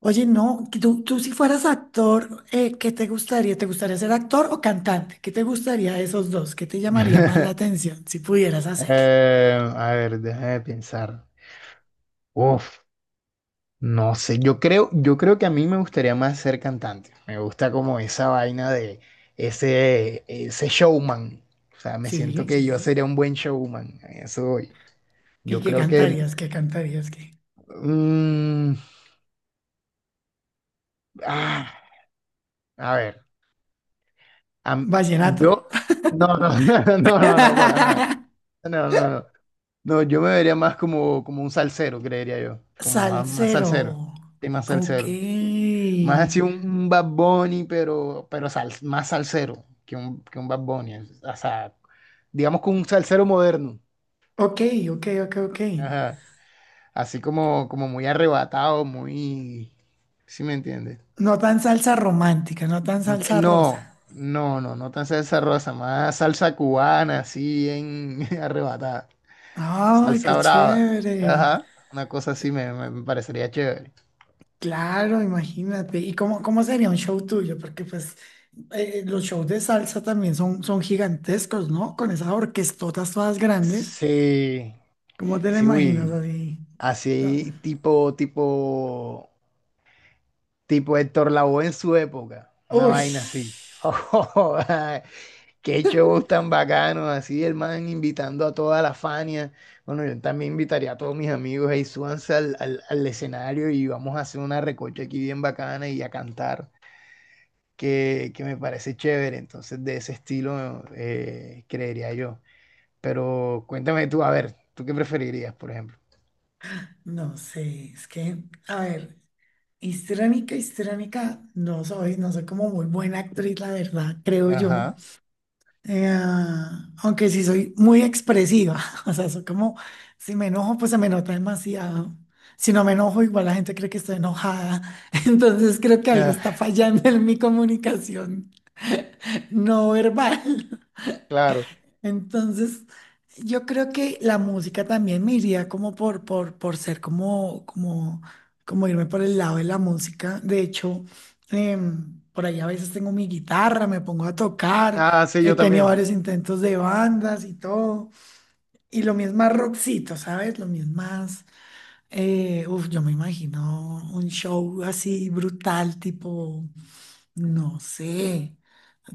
Oye, no, que tú si fueras actor, ¿qué te gustaría? ¿Te gustaría ser actor o cantante? ¿Qué te gustaría de esos dos? ¿Qué te llamaría más la atención si pudieras hacerlo? A ver, déjame pensar. Uf, no sé. Yo creo que a mí me gustaría más ser cantante. Me gusta como esa vaina de ese showman. O sea, me siento Sí. que yo, sí, sería un buen showman. A eso voy. ¿Y Yo qué creo que. cantarías? ¿Qué cantarías? ¿Qué? mm, ah, a ver. Vallenato. Yo. No, no, no, no, no, no, para nada. No, no, no. No, yo me vería más como, un salsero, creería yo. Como más salsero. Salsero. Sí, más Ok. salsero. Más así un, Bad Bunny, pero más salsero que un Bad Bunny. O sea, digamos que un salsero moderno. Ok, ok, ok, ok. Ajá. Así como muy arrebatado, muy. ¿Sí me entiendes? No tan salsa romántica, no tan No, salsa rosa. no, no, no, no tan salsa rosa, más salsa cubana, así en arrebatada. Ay, qué Salsa brava. chévere. Ajá. Una cosa así me parecería chévere. Claro, imagínate. ¿Y cómo sería un show tuyo? Porque pues los shows de salsa también son gigantescos, ¿no? Con esas orquestotas todas grandes. Sí, ¿Cómo te la sí, imaginas uy. así? No. Así tipo Héctor Lavoe en su época, una Uy, vaina así. Qué shows tan bacanos, así el man invitando a toda la Fania. Bueno, yo también invitaría a todos mis amigos, ahí súbanse al escenario y vamos a hacer una recocha aquí bien bacana y a cantar, que me parece chévere. Entonces, de ese estilo, creería yo. Pero cuéntame tú, a ver, ¿tú qué preferirías, por ejemplo? no sé, es que, a ver, histriónica, no soy como muy buena actriz, la verdad, creo yo. Ajá. Eh, Aunque sí soy muy expresiva, o sea, soy como, si me enojo, pues se me nota demasiado. Si no me enojo, igual la gente cree que estoy enojada. Entonces creo que algo Ah, está fallando en mi comunicación no verbal. claro. Entonces, yo creo que la música también me iría como por ser como irme por el lado de la música. De hecho, por ahí a veces tengo mi guitarra, me pongo a tocar, Ah, sí, he yo tenido también. varios intentos de bandas y todo. Y lo mismo más rockcito, ¿sabes? Lo mismo más, uf, yo me imagino un show así brutal, tipo, no sé,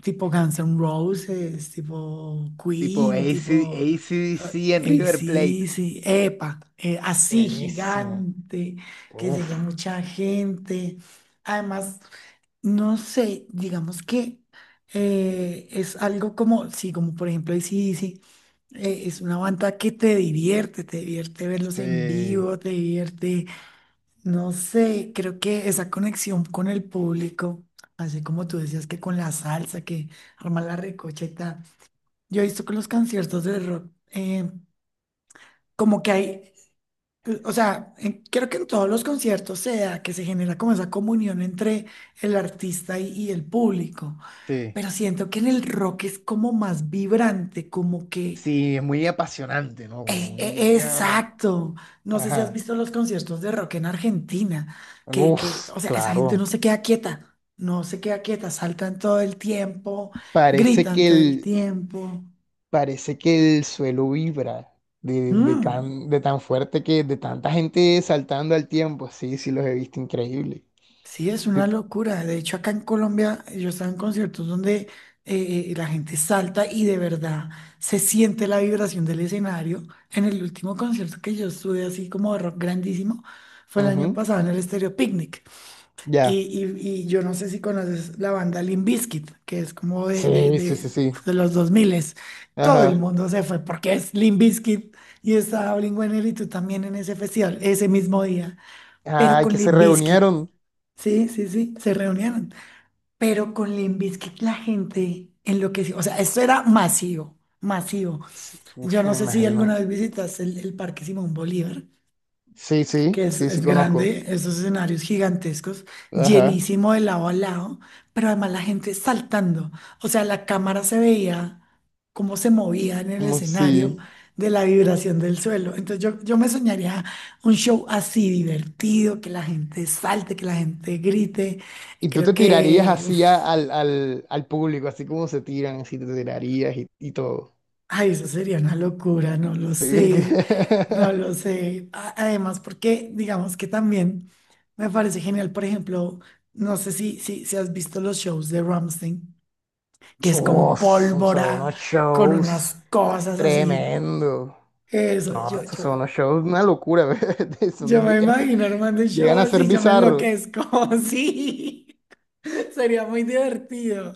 tipo Guns N' Roses, tipo Tipo A Queen, C tipo D C en River Plate. AC/DC, epa, así Buenísimo. gigante, que llegue a Uf, mucha gente. Además, no sé, digamos que es algo como, sí, como por ejemplo AC/DC, es una banda que te divierte verlos en sí, vivo, te divierte, no sé, creo que esa conexión con el público, así como tú decías que con la salsa, que arma la recocheta, yo he visto con los conciertos de rock, como que hay, o sea, creo que en todos los conciertos se da que se genera como esa comunión entre el artista y el público, sí. pero siento que en el rock es como más vibrante, como que. Sí, es muy apasionante, ¿no? E- e- Exacto. No sé si has Ajá. visto los conciertos de rock en Argentina, Uf, o sea, esa gente no claro. se queda quieta, no se queda quieta, saltan todo el tiempo, Parece gritan que todo el el, tiempo. parece que el suelo vibra de, de Mm, tan, de tan fuerte de tanta gente saltando al tiempo. Sí, sí, los he visto increíble. sí, es una De- locura. De hecho, acá en Colombia yo estaba en conciertos donde la gente salta y de verdad se siente la vibración del escenario. En el último concierto que yo estuve así como de rock grandísimo fue el año Ujú. pasado en el Estéreo Picnic. Y, Ya. y yo no sé si conoces la banda Limp Bizkit, que es como de, de, Sí, sí, de, sí, sí. de los 2000. Todo el Ajá. mundo se fue porque es Limp Bizkit y estaba Blink-182 también en ese festival, ese mismo día, pero Ay, con que se Limp Bizkit. reunieron. Sí, sí, sí, se reunieron. Pero con Limp Bizkit la gente enloqueció. O sea, esto era masivo, masivo. Sí, Yo uf, no me sé si imagino. alguna vez visitaste el Parque Simón Bolívar Sí, que sí, es, sí, sí es conozco. grande, esos escenarios gigantescos, Ajá, llenísimo de lado a lado, pero además la gente saltando. O sea, la cámara se veía cómo se movía en el como escenario si. de la vibración del suelo. Entonces yo me soñaría un show así divertido, que la gente salte, que la gente grite. Y tú Creo te tirarías que, así uf, al público, así como se tiran, así te tirarías y todo. ay, eso sería una locura, no lo sé, no lo sé. Además, porque digamos que también me parece genial, por ejemplo, no sé si has visto los shows de Ramstein, que es con Uf, o sea, pólvora, unos con shows unas cosas así. tremendo. Eso, No, yo, estos yo, son unos shows, una locura, ¿verdad? yo me imagino armando un Llegan show a ser así, yo me bizarros. enloquezco, sí. Sería muy divertido.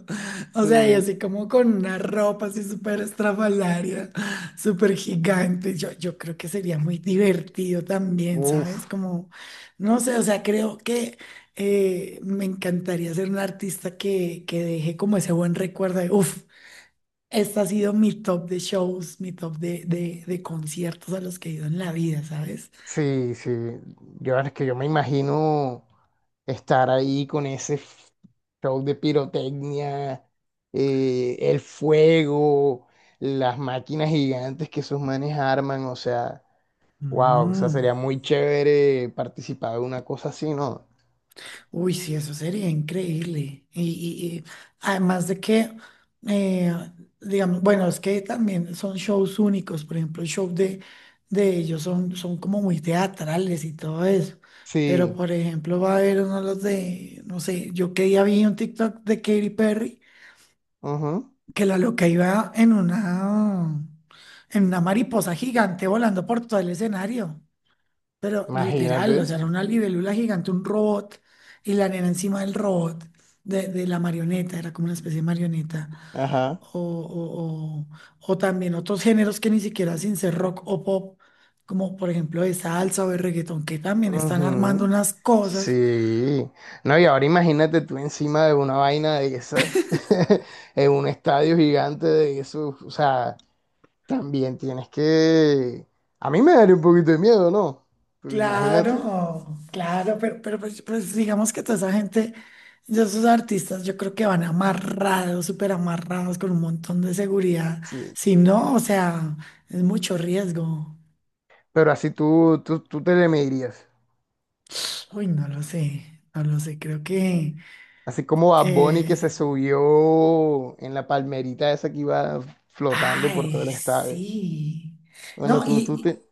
O sea, y Sí. así como con una ropa así súper estrafalaria, súper gigante. Yo creo que sería muy divertido también, ¿sabes? Uf. Como, no sé, o sea, creo que me encantaría ser un artista que deje como ese buen recuerdo de, uff, este ha sido mi top de shows, mi top de conciertos a los que he ido en la vida, ¿sabes? Sí, sí. Yo es que yo me imagino estar ahí con ese show de pirotecnia, el fuego, las máquinas gigantes que esos manes arman, o sea, wow, o sea, Mm. sería muy chévere participar de una cosa así, ¿no? Uy, sí, eso sería increíble. Y además de que, eh, digamos, bueno, es que también son shows únicos, por ejemplo, el show de ellos son como muy teatrales y todo eso. Pero, Sí, por ejemplo, va a haber uno de los de, no sé, yo que día vi un TikTok de Katy Perry, ujú, que la loca iba en una mariposa gigante volando por todo el escenario. Pero imagínate. literal, o sea, era una libélula gigante, un robot, y la nena encima del robot, de la marioneta, era como una especie de marioneta. Ajá. O, o, o- o también otros géneros que ni siquiera sin ser rock o pop, como por ejemplo de salsa o de reggaetón, que también están armando Ujú. unas cosas. Sí, no, y ahora imagínate tú encima de una vaina de esas, en un estadio gigante de eso, o sea, también tienes que. A mí me daría un poquito de miedo, ¿no? Pues imagínate, claro, Claro, claro, pero pues digamos que toda esa gente, ya esos artistas, yo creo que van amarrados, súper amarrados, con un montón de seguridad. sí. Si no, o sea, es mucho riesgo. Pero así tú te le medirías, Uy, no lo sé, no lo sé, creo que. así como Bad Bunny que se eh, subió en la palmerita esa que iba flotando por Ay, todo el estadio. sí. Bueno, No, tú te. y,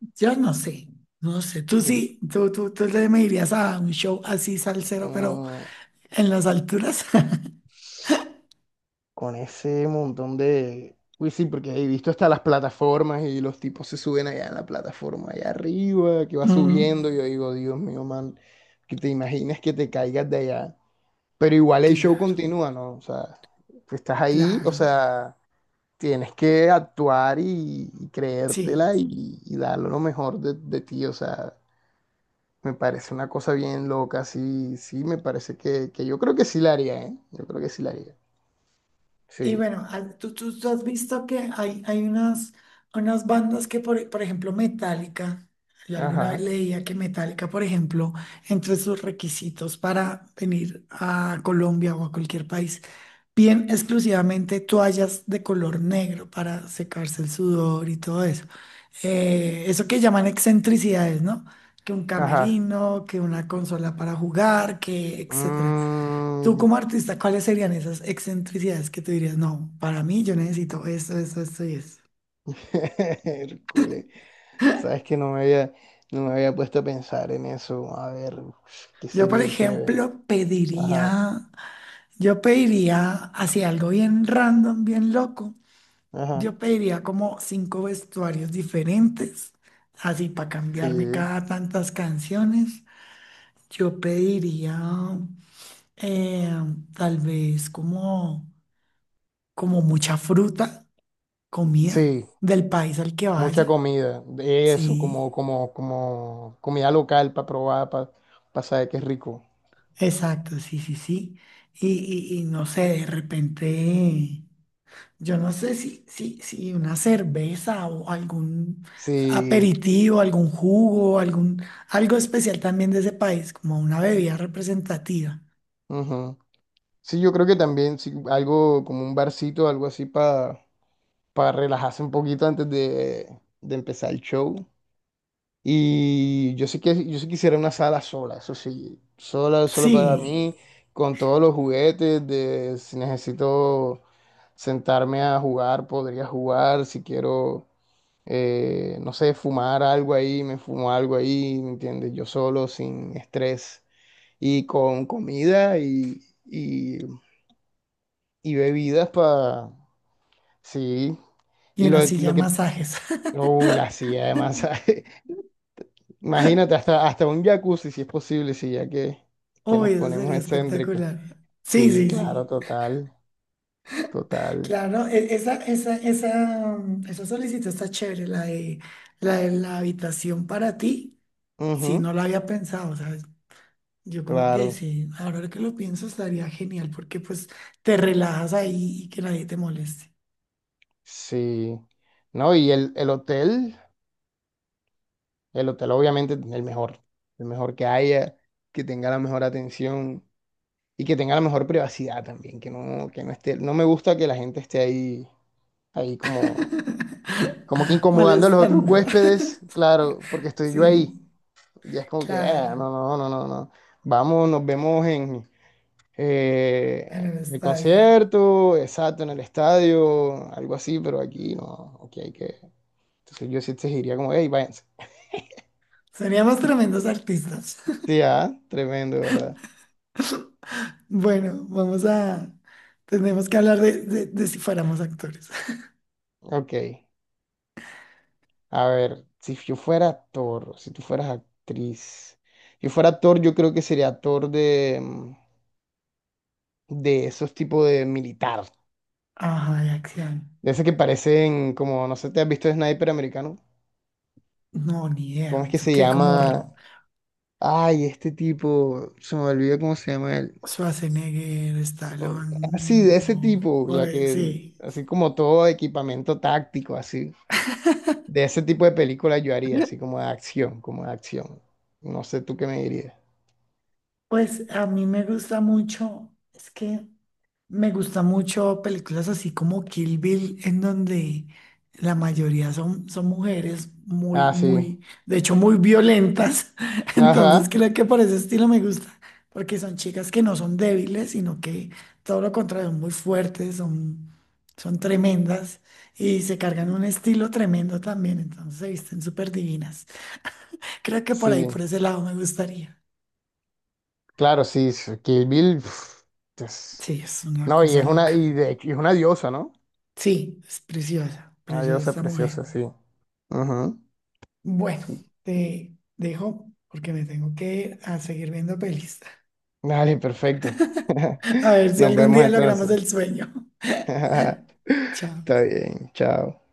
y yo no sé, no sé, tú sí, tú le me irías a un show así salsero, pero Ujú. en las alturas. Con ese montón de. Uy, sí, porque he visto hasta las plataformas y los tipos se suben allá en la plataforma, allá arriba, que va Mm, subiendo. Yo digo, Dios mío, man, que te imaginas que te caigas de allá. Pero igual el show claro. continúa, ¿no? O sea, tú estás ahí, o Claro, sea, tienes que actuar y sí. creértela y dar lo mejor de ti. O sea, me parece una cosa bien loca, sí, sí, me parece que yo creo que sí la haría, ¿eh? Yo creo que sí la haría. Y Sí, bueno, tú has visto que hay unas, bandas que, por ejemplo, Metallica, yo alguna vez ajá, leía que Metallica, por ejemplo, entre sus requisitos para venir a Colombia o a cualquier país, bien exclusivamente toallas de color negro para secarse el sudor y todo eso. Eso que llaman excentricidades, ¿no? Que un ajá. camerino, que una consola para jugar, que etcétera. Tú Mm, como artista, ¿cuáles serían esas excentricidades que tú dirías, no, para mí yo necesito esto, esto, esto y esto? Hércules. Sabes que no me había puesto a pensar en eso. A ver, qué Yo, por sería chévere. ejemplo, Ajá, pediría, así algo bien random, bien loco, ajá. yo pediría como cinco vestuarios diferentes, así para Sí, cambiarme cada tantas canciones. Yo pediría eh, tal vez como mucha fruta, comida sí, del país al que mucha vaya, comida. De eso, sí. como comida local para probar, para saber que es rico. Exacto, sí, sí, sí. Y, y no sé, de repente, yo no sé si una cerveza o algún Sí, aperitivo, algún jugo, algún, algo especial también de ese país, como una bebida representativa. ujú. Sí, yo creo que también sí, algo como un barcito, algo así para relajarse un poquito antes de empezar el show. Y yo sí quisiera una sala sola, eso sí, sola, solo para Sí, mí, con todos los juguetes de si necesito sentarme a jugar, podría jugar, si quiero, no sé, fumar algo ahí, me fumo algo ahí, ¿me entiendes? Yo solo, sin estrés, y con comida y, y bebidas para, sí, y y una lo, silla lo de que, masajes. uy, la silla de masaje. Imagínate, hasta un jacuzzi, si es posible, si ya que Uy, nos eso ponemos, uy, sería excéntricos. espectacular. Sí, Sí, sí, claro, sí. total, total. Claro, esa solicitud está chévere, la de la habitación para ti. Sí, Ujú, no lo había pensado, ¿sabes? Yo como que claro, sí, ahora que lo pienso estaría genial porque pues te relajas ahí y que nadie te moleste. sí. No, y el hotel obviamente el mejor que haya, que tenga la mejor atención y que tenga la mejor privacidad también, que no esté, no me gusta que la gente esté ahí, ahí como que incomodando a los otros Molestando. huéspedes, claro, porque estoy yo Sí, ahí. Y es como que, ah, claro, no, no, no, no, no. Vamos, nos vemos en en el el estadio. concierto, exacto, en el estadio, algo así, pero aquí no, aquí hay que. Entonces yo sí exigiría como, hey, váyanse. Seríamos tremendos artistas. Sí, ah, tremendo, ¿verdad? Bueno, vamos a. Tenemos que hablar de si fuéramos actores. Ok, a ver, si yo fuera actor, si tú fueras actriz, si yo fuera actor, yo creo que sería actor de, de esos tipos de militar, Ajá, de acción. de esos que parecen como, no sé, ¿te has visto Sniper americano? No, ni ¿Cómo idea. es que Es se que como llama? Ay, este tipo, se me olvidó cómo se llama él. Schwarzenegger, Así, Stallone, de ese o... tipo, o, ya eh, que. sí. Así como todo equipamiento táctico, así. De ese tipo de película yo haría, así como de acción, como de acción. No sé tú qué me dirías. Pues a mí me gusta mucho, es que me gusta mucho películas así como Kill Bill, en donde la mayoría son mujeres muy, Ah, sí. muy, de hecho muy violentas. Entonces Ajá, creo que por ese estilo me gusta, porque son chicas que no son débiles, sino que todo lo contrario, son muy fuertes, son tremendas y se cargan un estilo tremendo también. Entonces se visten súper divinas. Creo que por ahí, sí. por ese lado me gustaría. Claro, sí, sí, Kill Bill. Es- Sí, es una No, cosa y loca. de hecho, y es una diosa, ¿no? Sí, es preciosa, Una preciosa diosa esta mujer. preciosa, sí. Ujú. Bueno, te dejo porque me tengo que ir a seguir viendo pelis. Dale, perfecto. A ver si Nos algún vemos día logramos entonces. el sueño. Está Chao. bien, chao.